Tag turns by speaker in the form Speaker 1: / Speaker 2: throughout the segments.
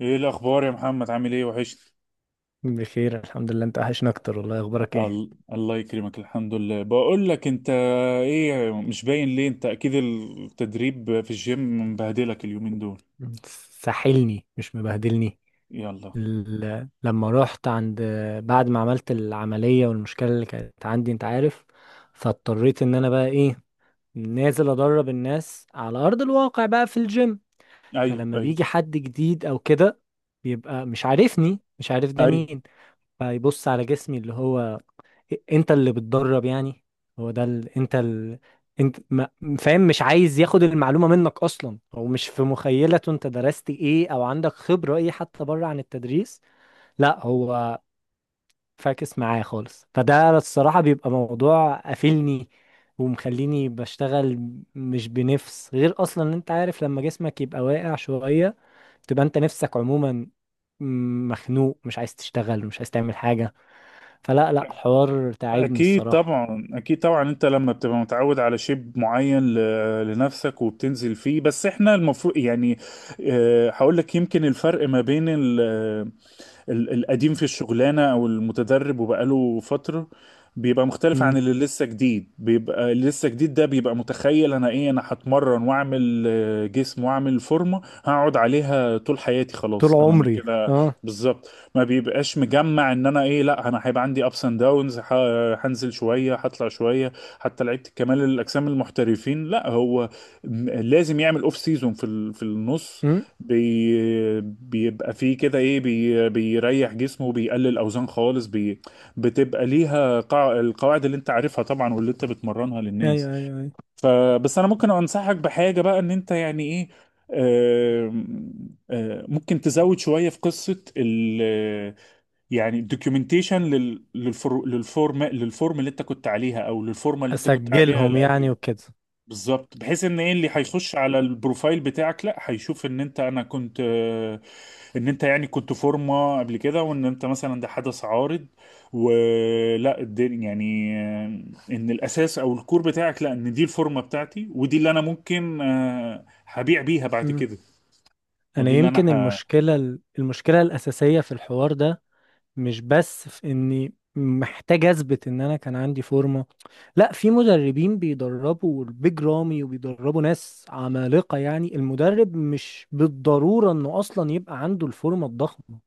Speaker 1: ايه الاخبار يا محمد؟ عامل ايه؟ وحشت.
Speaker 2: بخير الحمد لله، انت وحشنا اكتر والله. اخبارك ايه؟
Speaker 1: الله يكرمك. الحمد لله. بقول لك انت، ايه؟ مش باين ليه؟ انت اكيد التدريب في الجيم مبهدلك اليومين دول.
Speaker 2: ساحلني مش مبهدلني.
Speaker 1: يلا.
Speaker 2: لما رحت عند بعد ما عملت العملية والمشكلة اللي كانت عندي انت عارف، فاضطريت ان انا بقى ايه، نازل ادرب الناس على ارض الواقع بقى في الجيم.
Speaker 1: ايوه،
Speaker 2: فلما
Speaker 1: ايوه،
Speaker 2: بيجي حد جديد او كده، بيبقى مش عارفني، مش عارف ده
Speaker 1: ايوه.
Speaker 2: مين، فيبص على جسمي اللي هو، انت اللي بتدرب يعني؟ هو ده ال... انت ال... انت ما... فاهم؟ مش عايز ياخد المعلومة منك اصلا، هو مش في مخيلته انت درست ايه او عندك خبرة ايه حتى بره عن التدريس. لا، هو فاكس معايا خالص، فده الصراحة بيبقى موضوع قافلني ومخليني بشتغل مش بنفس. غير اصلا ان انت عارف لما جسمك يبقى واقع شوية، تبقى انت نفسك عموما مخنوق، مش عايز تشتغل، مش عايز تعمل حاجة. فلا لا حوار تعبني
Speaker 1: اكيد
Speaker 2: الصراحة.
Speaker 1: طبعا، اكيد طبعا، انت لما بتبقى متعود على شيب معين لنفسك وبتنزل فيه، بس احنا المفروض يعني هقول لك، يمكن الفرق ما بين القديم في الشغلانة او المتدرب وبقاله فترة، بيبقى مختلف عن
Speaker 2: مم.
Speaker 1: اللي لسه جديد. بيبقى اللي لسه جديد ده بيبقى متخيل انا ايه، انا هتمرن واعمل جسم واعمل فورمة هقعد عليها طول حياتي،
Speaker 2: طول
Speaker 1: خلاص انا من
Speaker 2: عمري
Speaker 1: كده.
Speaker 2: اه.
Speaker 1: بالظبط، ما بيبقاش مجمع ان انا ايه، لا، انا هيبقى عندي ابس اند داونز، هنزل شوية هطلع شوية. حتى لعيبة كمال الاجسام المحترفين لا، هو لازم يعمل اوف سيزون في النص.
Speaker 2: مم.
Speaker 1: بيبقى فيه كده ايه، بيريح جسمه، بيقلل اوزان خالص، بتبقى ليها القواعد اللي انت عارفها طبعا واللي انت بتمرنها للناس.
Speaker 2: ايوه ايوه ايوه.
Speaker 1: فبس انا ممكن انصحك بحاجة بقى، ان انت يعني ايه، آم، آم، ممكن تزود شوية في قصة ال يعني الدوكيومنتيشن لل... للفر... للفورم للفورم اللي انت كنت عليها، او للفورمة اللي انت كنت عليها
Speaker 2: اسجلهم يعني
Speaker 1: القديمة.
Speaker 2: وكده.
Speaker 1: بالظبط، بحيث ان ايه اللي هيخش على البروفايل بتاعك، لا، هيشوف ان انت، انا كنت ان انت يعني كنت فورمه قبل كده، وان انت مثلا ده حدث عارض ولا الدنيا يعني ان الاساس او الكور بتاعك، لا، ان دي الفورمه بتاعتي ودي اللي انا ممكن هبيع بيها بعد
Speaker 2: مم.
Speaker 1: كده،
Speaker 2: انا
Speaker 1: ودي اللي انا
Speaker 2: يمكن المشكله الاساسيه في الحوار ده، مش بس في اني محتاج اثبت ان انا كان عندي فورمه. لا، في مدربين بيدربوا البيج رامي وبيدربوا ناس عمالقه، يعني المدرب مش بالضروره انه اصلا يبقى عنده الفورمه الضخمه.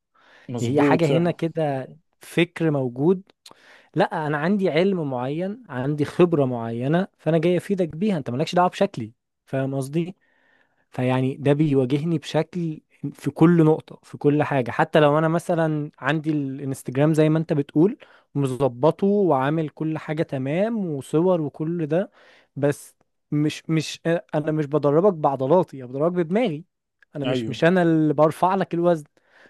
Speaker 2: هي
Speaker 1: مظبوط.
Speaker 2: حاجه
Speaker 1: صح.
Speaker 2: هنا كده، فكر موجود. لا، انا عندي علم معين، عندي خبرة معينة، فانا جاي افيدك بيها، انت مالكش دعوة بشكلي. فاهم قصدي؟ فيعني ده بيواجهني بشكل، في كل نقطة في كل حاجة. حتى لو أنا مثلا عندي الانستجرام زي ما أنت بتقول مظبطه وعامل كل حاجة تمام وصور وكل ده، بس مش مش أنا مش بدربك بعضلاتي، أنا بدربك بدماغي. أنا مش
Speaker 1: ايوه.
Speaker 2: مش أنا اللي برفع لك الوزن.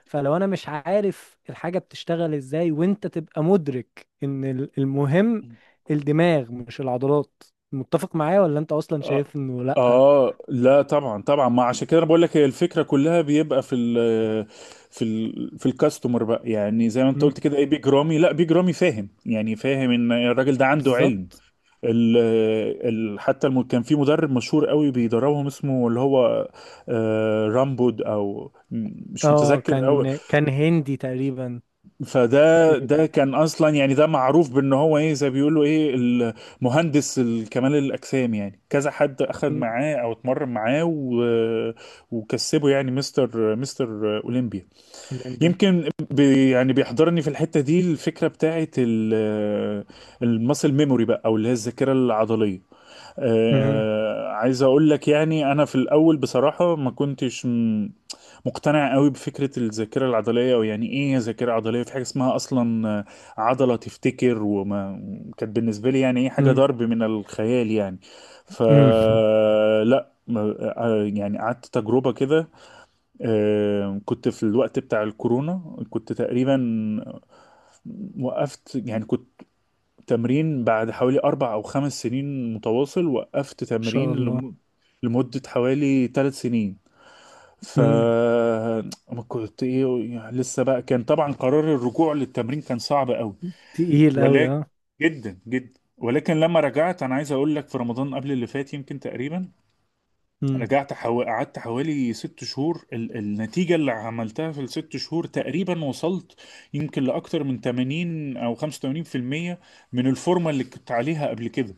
Speaker 2: فلو أنا مش عارف الحاجة بتشتغل إزاي، وأنت تبقى مدرك إن المهم الدماغ مش العضلات. متفق معايا ولا أنت أصلا
Speaker 1: آه,
Speaker 2: شايف إنه لأ؟
Speaker 1: آه لا، طبعا طبعا. ما عشان كده انا بقول لك، هي الفكره كلها بيبقى في الكاستمر بقى، يعني زي ما انت قلت كده ايه، بيج رامي. لا، بيج رامي فاهم ان الراجل ده عنده علم.
Speaker 2: بالظبط.
Speaker 1: ال ال حتى الم كان في مدرب مشهور قوي بيدربهم، اسمه اللي هو رامبود، او مش
Speaker 2: اه،
Speaker 1: متذكر قوي.
Speaker 2: كان كان هندي تقريبا.
Speaker 1: فده
Speaker 2: تقريبا.
Speaker 1: كان اصلا يعني ده معروف بان هو ايه، زي بيقولوا ايه، المهندس كمال الاجسام يعني، كذا حد اخذ
Speaker 2: مم.
Speaker 1: معاه او اتمرن معاه وكسبه يعني مستر اولمبيا.
Speaker 2: الانبياء.
Speaker 1: يمكن يعني بيحضرني في الحتة دي الفكرة بتاعت الماسل ميموري بقى، او اللي هي الذاكرة العضلية.
Speaker 2: مم.
Speaker 1: عايز اقول لك يعني، انا في الاول بصراحة ما كنتش مقتنع قوي بفكرة الذاكرة العضلية، او يعني ايه ذاكرة عضلية، في حاجة اسمها اصلا عضلة تفتكر؟ وما كانت بالنسبة لي يعني ايه، حاجة
Speaker 2: مم.
Speaker 1: ضرب من الخيال يعني.
Speaker 2: مم. ان
Speaker 1: فلا، يعني قعدت تجربة كده، كنت في الوقت بتاع الكورونا، كنت تقريبا وقفت، يعني كنت تمرين بعد حوالي 4 أو 5 سنين متواصل، وقفت
Speaker 2: شاء
Speaker 1: تمرين
Speaker 2: الله.
Speaker 1: لم... لمدة حوالي 3 سنين. ف
Speaker 2: مم.
Speaker 1: ما كنت ايه يعني، لسه بقى، كان طبعا قرار الرجوع للتمرين كان صعب قوي،
Speaker 2: تقيل قوي
Speaker 1: ولكن
Speaker 2: اه.
Speaker 1: جدا جدا ولكن لما رجعت، انا عايز اقول لك في رمضان قبل اللي فات يمكن تقريبا،
Speaker 2: مم.
Speaker 1: قعدت حوالي 6 شهور. النتيجة اللي عملتها في ال6 شهور تقريبا، وصلت يمكن لأكتر من 80 أو 85% من الفورمة اللي كنت عليها قبل كده.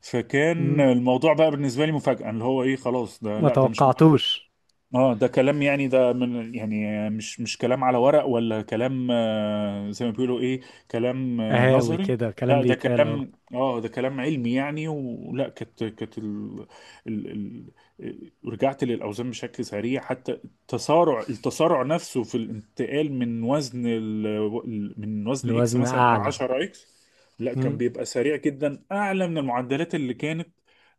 Speaker 1: فكان
Speaker 2: مم.
Speaker 1: الموضوع بقى بالنسبه لي مفاجاه، اللي هو ايه، خلاص ده،
Speaker 2: ما
Speaker 1: لا ده مش،
Speaker 2: توقعتوش.
Speaker 1: اه ده كلام، يعني ده من يعني، مش كلام على ورق، ولا كلام زي ما بيقولوا ايه، كلام
Speaker 2: اهاوي
Speaker 1: نظري،
Speaker 2: كده كلام
Speaker 1: لا، ده
Speaker 2: بيتقال اهو.
Speaker 1: كلام، ده كلام علمي يعني، ولا كانت كانت ال... ال... ال... ال- رجعت للاوزان بشكل سريع. حتى التسارع نفسه في الانتقال من وزن اكس
Speaker 2: الوزن
Speaker 1: مثلا ل
Speaker 2: اعلى.
Speaker 1: 10 اكس، لا، كان
Speaker 2: مم.
Speaker 1: بيبقى سريع جدا، اعلى من المعدلات اللي كانت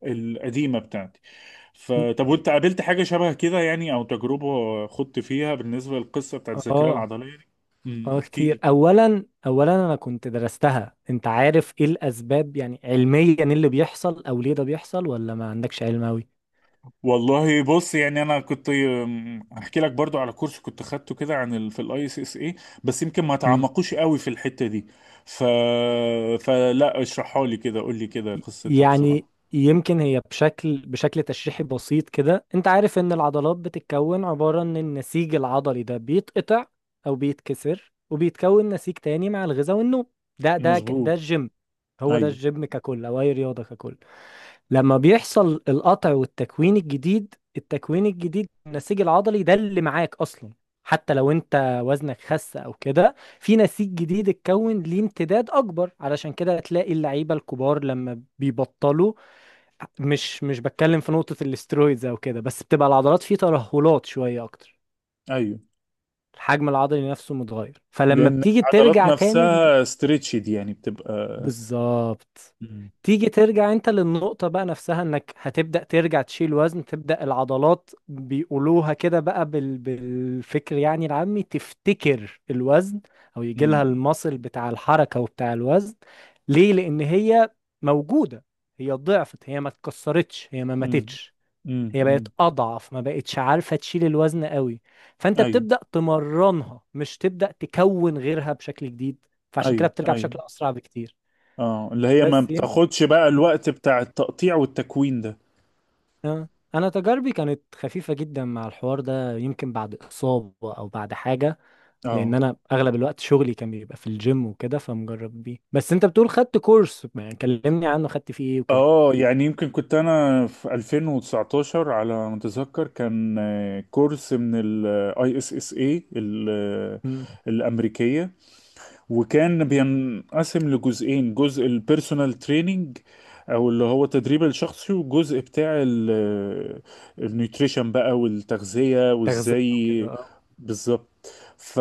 Speaker 1: القديمه بتاعته.
Speaker 2: مم.
Speaker 1: فطب، وانت قابلت حاجة شبه كده يعني، او تجربة خضت فيها بالنسبة للقصة بتاعت الذاكرة
Speaker 2: اه
Speaker 1: العضلية دي؟
Speaker 2: اه.
Speaker 1: احكي لي
Speaker 2: كتير.
Speaker 1: كده.
Speaker 2: اولا انا كنت درستها، انت عارف ايه الاسباب يعني علميا إيه اللي بيحصل او ليه ده بيحصل، ولا ما عندكش علم؟
Speaker 1: والله بص، يعني انا كنت هحكي لك برضو على كورس كنت خدته كده عن في الاي اس اس اي، بس يمكن ما
Speaker 2: قوي.
Speaker 1: تعمقوش قوي في الحتة دي. ف فلا، اشرحها لي كده، قول لي كده قصتها
Speaker 2: يعني
Speaker 1: بسرعة.
Speaker 2: يمكن هي بشكل بشكل تشريحي بسيط كده، انت عارف ان العضلات بتتكون، عبارة ان النسيج العضلي ده بيتقطع او بيتكسر وبيتكون نسيج تاني مع الغذاء والنوم. ده
Speaker 1: مظبوط.
Speaker 2: الجيم. هو ده
Speaker 1: ايوه،
Speaker 2: الجيم ككل، او اي رياضة ككل. لما بيحصل القطع والتكوين الجديد، التكوين الجديد النسيج العضلي ده اللي معاك اصلا، حتى لو انت وزنك خس او كده، في نسيج جديد اتكون ليه امتداد اكبر. علشان كده تلاقي اللعيبه الكبار لما بيبطلوا، مش بتكلم في نقطه الاسترويدز او كده، بس بتبقى العضلات فيه ترهلات شويه اكتر.
Speaker 1: ايوه.
Speaker 2: الحجم العضلي نفسه متغير. فلما
Speaker 1: لان
Speaker 2: بتيجي
Speaker 1: العضلات
Speaker 2: ترجع تاني،
Speaker 1: نفسها ستريتشد يعني بتبقى.
Speaker 2: بالظبط،
Speaker 1: امم.
Speaker 2: تيجي ترجع انت للنقطة بقى نفسها، انك هتبدأ ترجع تشيل وزن، تبدأ العضلات بيقولوها كده بقى بالفكر، يعني العامي، تفتكر الوزن او يجي لها
Speaker 1: امم.
Speaker 2: المصل بتاع الحركة وبتاع الوزن. ليه؟ لأن هي موجودة، هي ضعفت، هي ما اتكسرتش، هي ما
Speaker 1: امم.
Speaker 2: ماتتش، هي بقت
Speaker 1: امم.
Speaker 2: أضعف، ما بقتش عارفة تشيل الوزن قوي. فأنت
Speaker 1: ايوه،
Speaker 2: بتبدأ تمرنها، مش تبدأ تكون غيرها بشكل جديد. فعشان كده
Speaker 1: ايوه،
Speaker 2: بترجع
Speaker 1: ايوه.
Speaker 2: بشكل أسرع بكتير.
Speaker 1: اه، اللي هي ما
Speaker 2: بس يم...
Speaker 1: بتاخدش بقى
Speaker 2: مم.
Speaker 1: الوقت بتاع التقطيع والتكوين ده.
Speaker 2: آه. انا تجاربي كانت خفيفه جدا مع الحوار ده، يمكن بعد اصابه او بعد حاجه، لان
Speaker 1: اه،
Speaker 2: انا اغلب الوقت شغلي كان بيبقى في الجيم وكده، فمجرب بيه. بس انت بتقول خدت كورس، يعني كلمني عنه خدت فيه ايه وكده.
Speaker 1: اه. يعني يمكن كنت انا في 2019 على ما اتذكر، كان كورس من الاي اس اس اي
Speaker 2: مم.
Speaker 1: الامريكيه، وكان بينقسم لجزئين: جزء البيرسونال تريننج او اللي هو التدريب الشخصي، وجزء بتاع النيوتريشن بقى والتغذية
Speaker 2: تغذيه
Speaker 1: وازاي.
Speaker 2: وكده اه.
Speaker 1: بالظبط. ف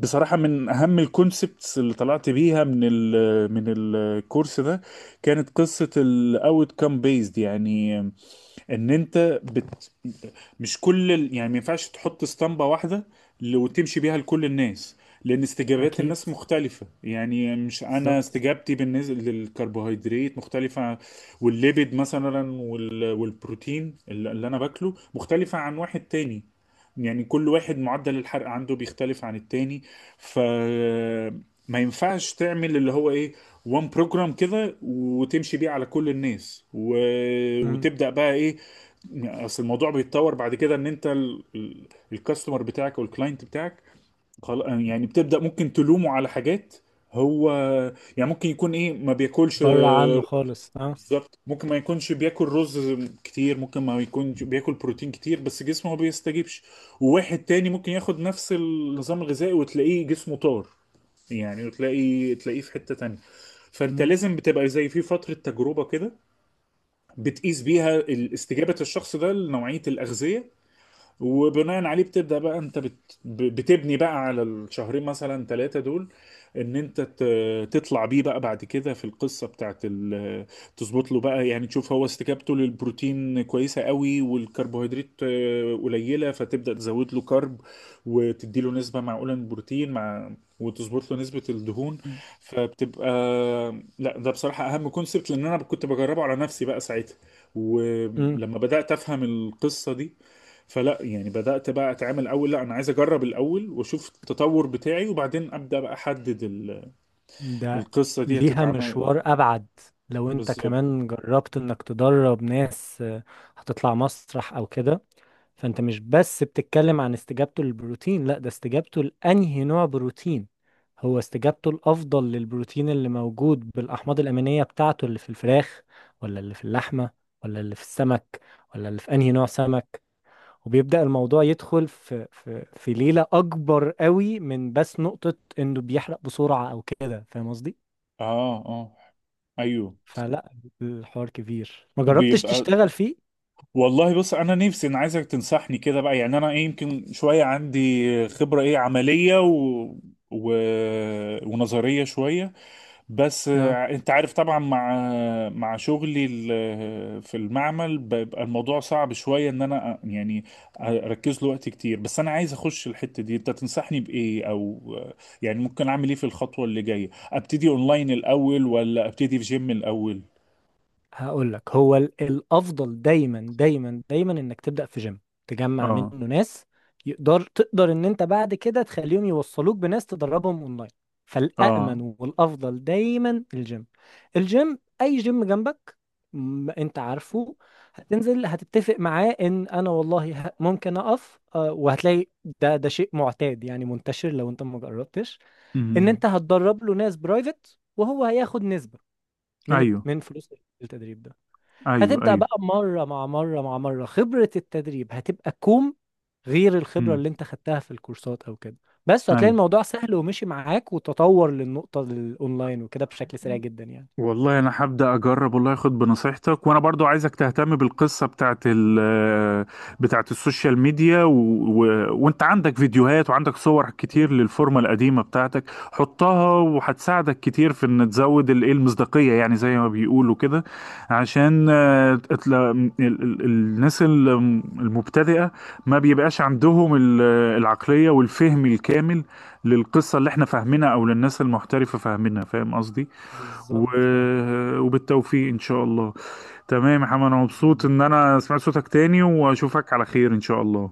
Speaker 1: بصراحة، من أهم الكونسبتس اللي طلعت بيها من ال آه، من الكورس ده، كانت قصة ال outcome based. يعني ان انت مش يعني ما ينفعش تحط اسطمبة واحدة وتمشي بيها لكل الناس، لان استجابات
Speaker 2: اكيد.
Speaker 1: الناس مختلفة. يعني مش، انا
Speaker 2: بالظبط.
Speaker 1: استجابتي بالنسبة للكربوهيدرات مختلفة، والليبيد مثلا، والبروتين اللي انا باكله، مختلفة عن واحد تاني. يعني كل واحد معدل الحرق عنده بيختلف عن التاني. ف ما ينفعش تعمل اللي هو ايه، وان بروجرام كده وتمشي بيه على كل الناس
Speaker 2: مم.
Speaker 1: وتبدأ بقى ايه. يعني اصل الموضوع بيتطور بعد كده، ان انت الكاستمر بتاعك او الكلاينت بتاعك، يعني بتبدأ ممكن تلومه على حاجات. هو يعني ممكن يكون ايه، ما بياكلش
Speaker 2: بره عنه خالص اه.
Speaker 1: بالظبط، ممكن ما يكونش بياكل رز كتير، ممكن ما يكونش بياكل بروتين كتير، بس جسمه ما بيستجيبش. وواحد تاني ممكن ياخد نفس النظام الغذائي وتلاقيه جسمه طار، يعني، وتلاقي تلاقيه في حتة تانية. فانت
Speaker 2: مم.
Speaker 1: لازم بتبقى زي في فترة تجربة كده بتقيس بيها استجابة الشخص ده لنوعية الأغذية، وبناء عليه بتبدأ بقى انت بتبني بقى على الشهرين مثلا، ثلاثة دول، ان انت تطلع بيه بقى بعد كده في القصة بتاعت تظبط له بقى، يعني تشوف هو استجابته للبروتين كويسة قوي والكربوهيدرات قليلة، فتبدأ تزود له كارب وتدي له نسبة معقولة من البروتين مع، وتظبط له نسبة الدهون. فبتبقى، لا ده بصراحة أهم كونسبت، لأن أنا كنت بجربه على نفسي بقى ساعتها،
Speaker 2: مم.
Speaker 1: ولما بدأت أفهم القصة دي، فلا يعني بدأت بقى اتعامل، اول لا انا عايز اجرب الاول واشوف التطور بتاعي، وبعدين ابدأ بقى احدد
Speaker 2: ده
Speaker 1: القصة دي
Speaker 2: ليها
Speaker 1: هتتعمل.
Speaker 2: مشوار ابعد لو انت
Speaker 1: بالظبط.
Speaker 2: كمان جربت انك تدرب ناس هتطلع مسرح او كده. فانت مش بس بتتكلم عن استجابته للبروتين، لا ده استجابته لأنهي نوع بروتين. هو استجابته الأفضل للبروتين اللي موجود بالأحماض الأمينية بتاعته، اللي في الفراخ ولا اللي في اللحمة ولا اللي في السمك ولا اللي في أنهي نوع سمك. وبيبدأ الموضوع يدخل في في ليلة أكبر قوي من بس نقطة إنه بيحرق بسرعة أو كده. فاهم قصدي؟
Speaker 1: اه، اه. ايوه.
Speaker 2: فلا، الحوار كبير، ما جربتش
Speaker 1: بيبقى
Speaker 2: تشتغل فيه؟
Speaker 1: والله بص، انا نفسي، انا عايزك تنصحني كده بقى. يعني انا ايه، يمكن شوية عندي خبرة ايه عملية و... ونظرية شوية. بس
Speaker 2: آه.
Speaker 1: انت عارف طبعا، مع مع شغلي في المعمل، بيبقى الموضوع صعب شوية ان انا يعني اركز له وقت كتير. بس انا عايز اخش الحتة دي، انت تنصحني بايه او يعني ممكن اعمل ايه في الخطوة اللي جاية؟ ابتدي اونلاين الاول، ولا ابتدي في جيم الاول؟
Speaker 2: هقول لك، هو الافضل دايما دايما دايما انك تبدا في جيم، تجمع منه
Speaker 1: اه،
Speaker 2: ناس، يقدر تقدر ان انت بعد كده تخليهم يوصلوك بناس تدربهم اونلاين.
Speaker 1: اه.
Speaker 2: فالامن والافضل دايما الجيم. الجيم اي جيم جنبك، انت عارفه. هتنزل هتتفق معاه ان انا والله ممكن اقف وهتلاقي، ده شيء معتاد يعني، منتشر لو انت ما جربتش. ان
Speaker 1: امم.
Speaker 2: انت هتدرب له ناس برايفت، وهو هياخد نسبة من
Speaker 1: ايوه،
Speaker 2: من فلوس التدريب ده.
Speaker 1: ايوه،
Speaker 2: هتبدأ
Speaker 1: ايوه.
Speaker 2: بقى مرة مع مرة مع مرة، خبرة التدريب هتبقى كوم، غير الخبرة
Speaker 1: امم.
Speaker 2: اللي انت خدتها في الكورسات او كده. بس هتلاقي
Speaker 1: ايوه.
Speaker 2: الموضوع سهل ومشي معاك وتطور للنقطة الاونلاين وكده بشكل سريع جدا يعني.
Speaker 1: والله انا هبدا اجرب، والله اخد بنصيحتك. وانا برضو عايزك تهتم بالقصه بتاعت ال بتاعت السوشيال ميديا وانت عندك فيديوهات وعندك صور كتير
Speaker 2: مم.
Speaker 1: للفورمه القديمه بتاعتك، حطها وهتساعدك كتير في ان تزود الايه، المصداقيه، يعني زي ما بيقولوا كده، عشان الناس المبتدئه ما بيبقاش عندهم العقليه والفهم الكامل للقصه اللي احنا فاهمينها او للناس المحترفه فاهمينها، فاهم قصدي؟ و...
Speaker 2: بالظبط.
Speaker 1: وبالتوفيق ان شاء الله. تمام يا محمد، انا
Speaker 2: بإذن
Speaker 1: مبسوط
Speaker 2: الله.
Speaker 1: ان انا سمعت صوتك تاني، واشوفك على خير ان شاء الله.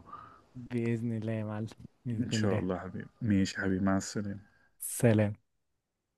Speaker 2: بإذن الله يا معلم. بإذن
Speaker 1: إن شاء
Speaker 2: الله.
Speaker 1: الله يا حبيبي. ماشي يا حبيبي، مع السلامة.
Speaker 2: سلام.